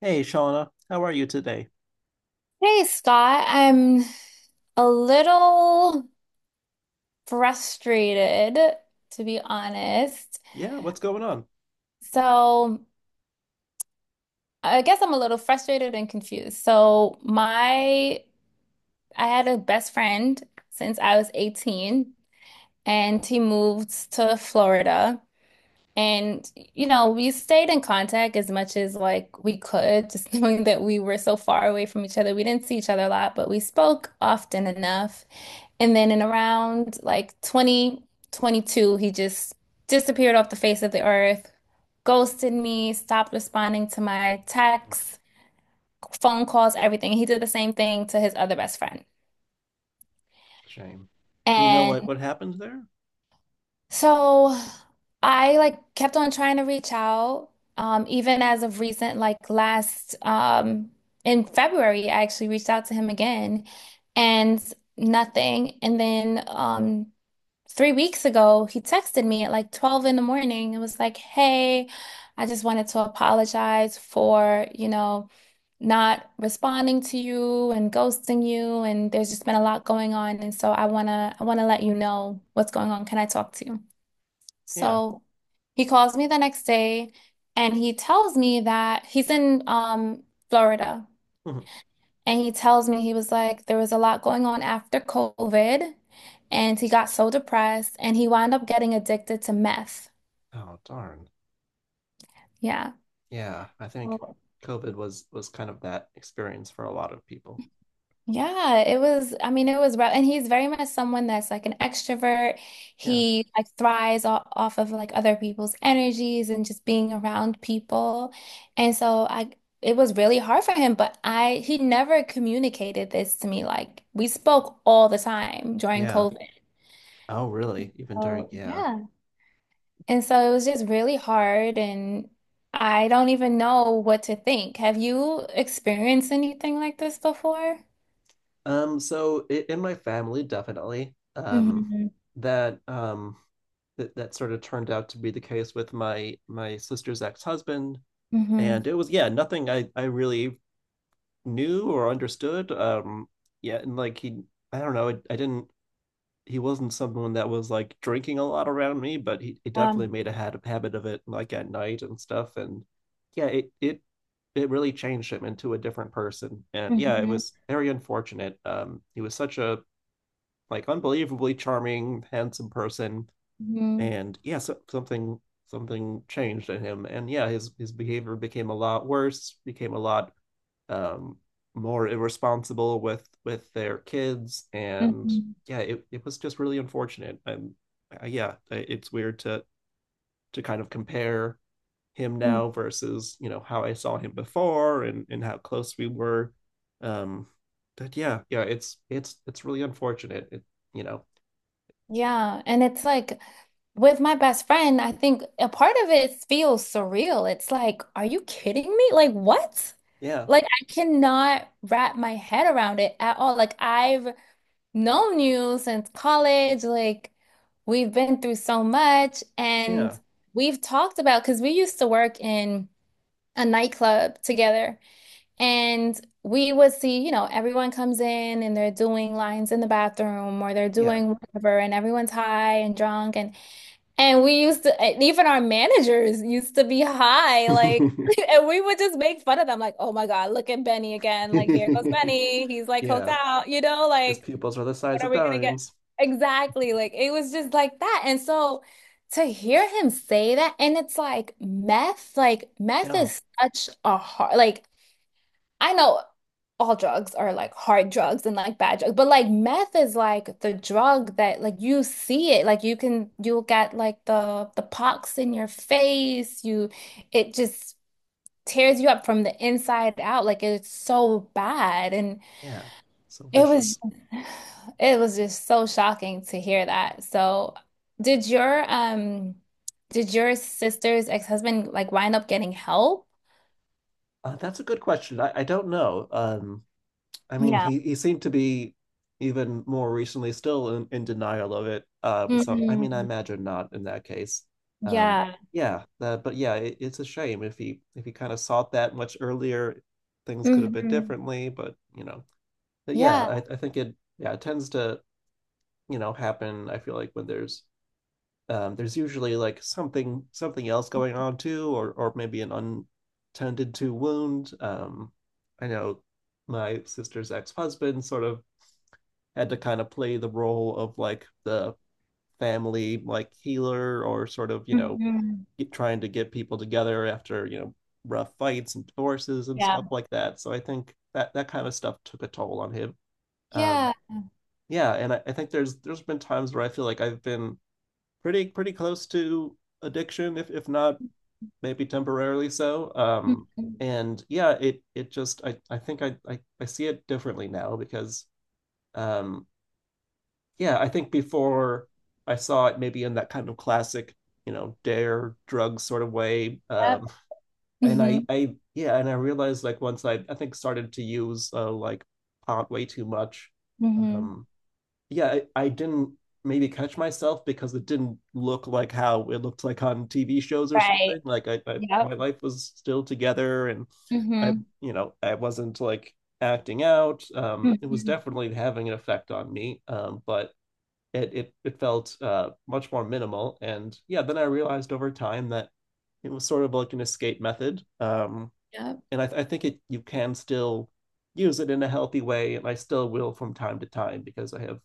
Hey, Shauna, how are you today? Hey Scott, I'm a little frustrated, to be honest. Yeah, what's going on? So I guess I'm a little frustrated and confused. So my I had a best friend since I was 18 and he moved to Florida. And we stayed in contact as much as like we could, just knowing that we were so far away from each other. We didn't see each other a lot, but we spoke often enough. And then in around like 2022, he just disappeared off the face of the earth, ghosted me, stopped responding to my texts, phone calls, everything. He did the same thing to his other best friend. Shame. Do you know what And what happened there? so I like kept on trying to reach out. Even as of recent, like last in February, I actually reached out to him again and nothing. And then 3 weeks ago, he texted me at like 12 in the morning and was like, hey, I just wanted to apologize for, not responding to you and ghosting you. And there's just been a lot going on. And so I wanna let you know what's going on. Can I talk to you? Yeah. So he calls me the next day and he tells me that he's in Florida. Mhm. And he tells me he was like, there was a lot going on after COVID, and he got so depressed and he wound up getting addicted to meth. Oh, darn. Yeah. Yeah, I think Oh. COVID was kind of that experience for a lot of people. Yeah, it was, I mean, it was rough. And he's very much someone that's like an extrovert. Yeah. He like thrives off of like other people's energies and just being around people. And it was really hard for him, he never communicated this to me. Like we spoke all the time during Yeah. COVID. Oh, really? Even during, Oh, yeah. yeah. And so it was just really hard, and I don't even know what to think. Have you experienced anything like this before? So I in my family, definitely, Hmm. that that sort of turned out to be the case with my sister's ex-husband. Hmm. And it was, yeah, nothing I really knew or understood. Yeah, and like I don't know, I didn't. He wasn't someone that was like drinking a lot around me, but he definitely Um. Habit of it, like at night and stuff. And yeah, it it really changed him into a different person. And yeah, it Hmm. was very unfortunate. He was such a like unbelievably charming, handsome person, Hmm. and yeah, so, something changed in him. And yeah, his behavior became a lot worse, became a lot um, more irresponsible with their kids, and Hmm. yeah, it was just really unfortunate. And yeah, it's weird to kind of compare him now versus you know how I saw him before and how close we were. Um, but yeah, it's really unfortunate. It, you know, Yeah, and it's like with my best friend, I think a part of it feels surreal. It's like, are you kidding me? Like, what? yeah, Like, I cannot wrap my head around it at all. Like, I've known you since college. Like, we've been through so much, yeah, and we've talked about because we used to work in a nightclub together, and we would see, everyone comes in and they're doing lines in the bathroom or they're yeah. doing whatever, and everyone's high and drunk, and we used to, and even our managers used to be high, like. And we would just make fun of them, like, oh my God, look at Benny again. Like, here goes Benny. He's like coked Yeah, out, his like pupils are the size what are of we gonna get? dimes. Exactly. Like it was just like that. And so to hear him say that, and it's like meth Yeah, is such a hard, like I know all drugs are like hard drugs and like bad drugs, but like meth is like the drug that like you see it, like you can you'll get like the pox in your face. You It just tears you up from the inside out. Like it's so bad. And yeah, so it was vicious. it was just so shocking to hear that. So, did your um did your sister's ex-husband like wind up getting help? That's a good question. I don't know. I mean, Yeah. He seemed to be even more recently still in denial of it. So I mean, I Mhm. imagine not in that case. Um, Yeah. yeah, but yeah, it's a shame if he kind of sought that much earlier, things could have been Hmm. differently. But you know, but yeah, Yeah. I think it yeah it tends to you know happen. I feel like when there's usually like something else going on too, or maybe an untended to wound. I know my sister's ex husband sort of had to kind of play the role of like the family like healer or sort of you know Hmm. trying to get people together after you know rough fights and divorces and stuff Yeah. like that. So I think that kind of stuff took a toll on him. Um, Yeah. yeah, and I think there's been times where I feel like I've been pretty close to addiction, if not maybe temporarily so. Mhm. And yeah, it just I think I see it differently now because um, yeah, I think before I saw it maybe in that kind of classic you know dare drug sort of way Yep. And Hmm. I yeah and I realized like once I think started to use like pot way too much Hmm. um yeah, I didn't maybe catch myself because it didn't look like how it looked like on TV shows or Right. something. Like I my Yep. life was still together and I, Hmm. you know, I wasn't like acting out. It was Hmm. definitely having an effect on me. But it it felt much more minimal. And yeah, then I realized over time that it was sort of like an escape method. Yep. And I think it you can still use it in a healthy way, and I still will from time to time because I have,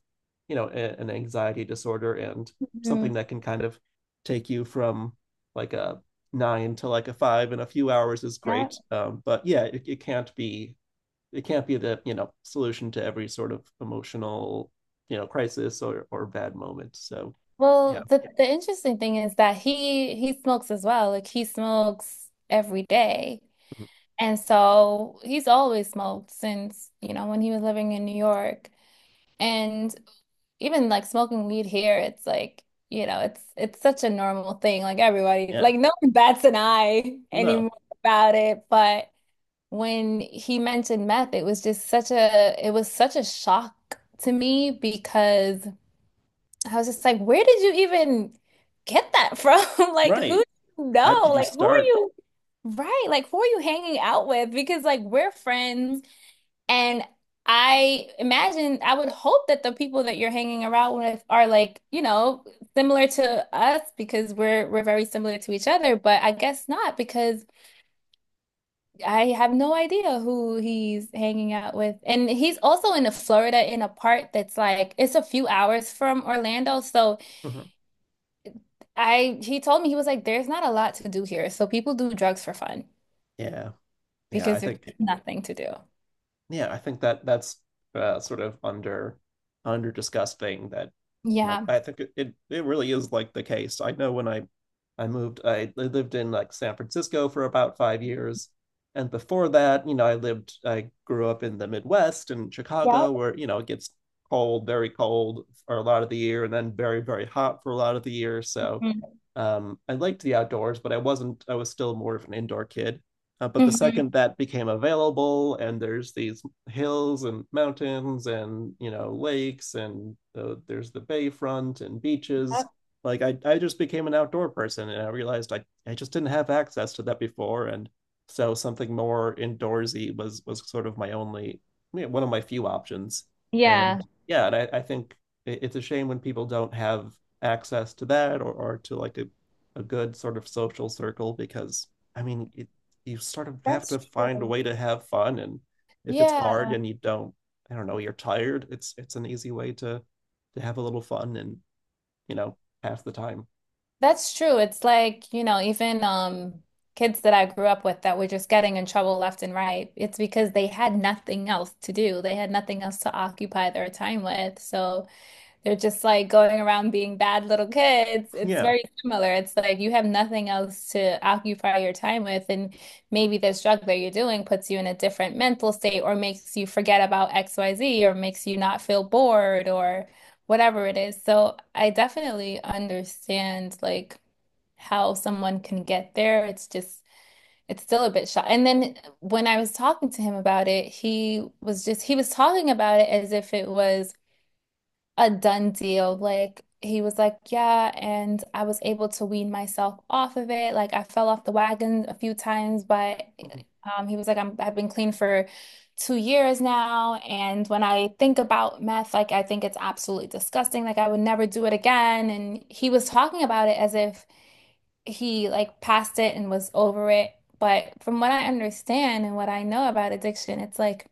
you know, an anxiety disorder and Hmm. something that can kind of take you from like a nine to like a five in a few hours is Yep. great. But yeah, it can't be the, you know, solution to every sort of emotional, you know, crisis or bad moment. So yeah. Well, the interesting thing is that he smokes as well. Like he smokes every day. Mhm. And so he's always smoked since, when he was living in New York. And even like smoking weed here, it's like, it's such a normal thing. Like everybody, Yeah, like no one bats an eye no, anymore about it. But when he mentioned meth, it was just such a it was such a shock to me because I was just like, where did you even get that from? Like who right. do you How know? did you Like who are start? you Right, like who are you hanging out with? Because like we're friends. And I imagine, I would hope that the people that you're hanging around with are like, similar to us because we're very similar to each other, but I guess not because I have no idea who he's hanging out with. And he's also in Florida in a part that's like it's a few hours from Orlando, so Mhm. I he told me he was like, there's not a lot to do here. So people do drugs for fun Yeah, yeah, I because there's think. nothing to do. Yeah, I think that that's sort of under under discussed thing that you know Yeah. I think it it really is like the case. I know when I moved I lived in like San Francisco for about 5 years, and before that, you know, I lived I grew up in the Midwest in Yep. Chicago where you know it gets cold, very cold for a lot of the year, and then very hot for a lot of the year. So Mhm. I liked the outdoors, but I wasn't I was still more of an indoor kid but the Mhm. second that became available, and there's these hills and mountains and you know lakes and there's the bayfront and beaches. Yep. Like I just became an outdoor person, and I realized I just didn't have access to that before, and so something more indoorsy was sort of my only you know, one of my few options. Yeah. And yeah, and I think it's a shame when people don't have access to that or to like a good sort of social circle because I mean you sort of have That's to find a true. way to have fun and if it's Yeah, hard and you don't I don't know you're tired it's an easy way to have a little fun and you know half the time that's true. It's like, even kids that I grew up with that were just getting in trouble left and right, it's because they had nothing else to do. They had nothing else to occupy their time with. So they're just like going around being bad little kids. It's yeah very similar. It's like you have nothing else to occupy your time with, and maybe this drug that you're doing puts you in a different mental state or makes you forget about XYZ or makes you not feel bored or whatever it is. So I definitely understand like how someone can get there. It's just it's still a bit shot. And then when I was talking to him about it, he was talking about it as if it was a done deal. Like he was like, yeah, and I was able to wean myself off of it. Like I fell off the wagon a few times, but he was like, I've been clean for 2 years now, and when I think about meth, like I think it's absolutely disgusting. Like I would never do it again. And he was talking about it as if he like passed it and was over it. But from what I understand and what I know about addiction, it's like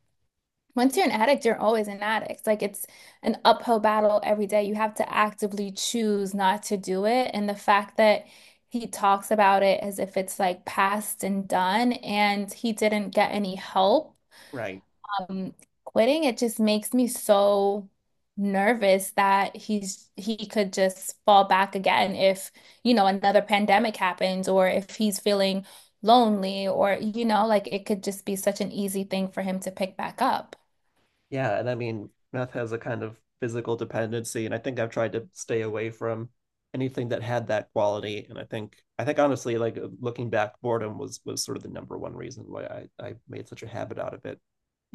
once you're an addict, you're always an addict. Like it's an uphill battle every day. You have to actively choose not to do it. And the fact that he talks about it as if it's like past and done, and he didn't get any help right um, quitting, it just makes me so nervous that he could just fall back again if, another pandemic happens or if he's feeling lonely or, like it could just be such an easy thing for him to pick back up. yeah and I mean meth has a kind of physical dependency and I think I've tried to stay away from anything that had that quality and I think honestly like looking back boredom was sort of the number one reason why I made such a habit out of it.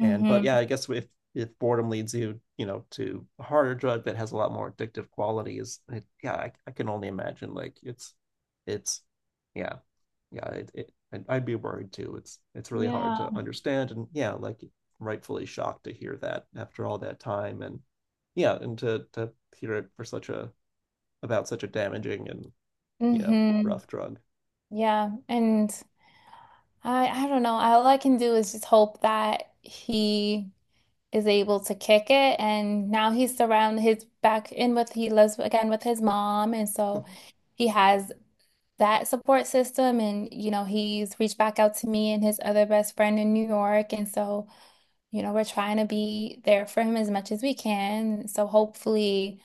And but yeah, I guess if boredom leads you, you know, to a harder drug that has a lot more addictive qualities, yeah, I can only imagine like it's yeah it I'd be worried too. It's really hard Yeah. to understand, and yeah, like rightfully shocked to hear that after all that time, and yeah, and to hear it for such a about such a damaging and you know Mm-hmm. rough drug. Yeah. And I don't know. All I can do is just hope that he is able to kick it. And now he's surrounded his back in with he lives again with his mom. And so he has that support system. And, he's reached back out to me and his other best friend in New York. And so, we're trying to be there for him as much as we can. So hopefully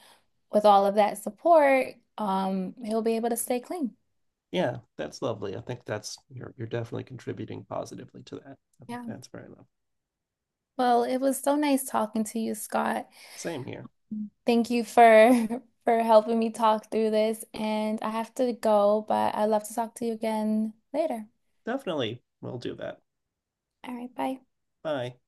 with all of that support, he'll be able to stay clean. Yeah, that's lovely. I think that's you're definitely contributing positively to that. Yeah. That's very lovely. Well, it was so nice talking to you, Scott. Same here. Thank you for for helping me talk through this, and I have to go, but I'd love to talk to you again later. Definitely. We'll do that. All right, bye. Bye.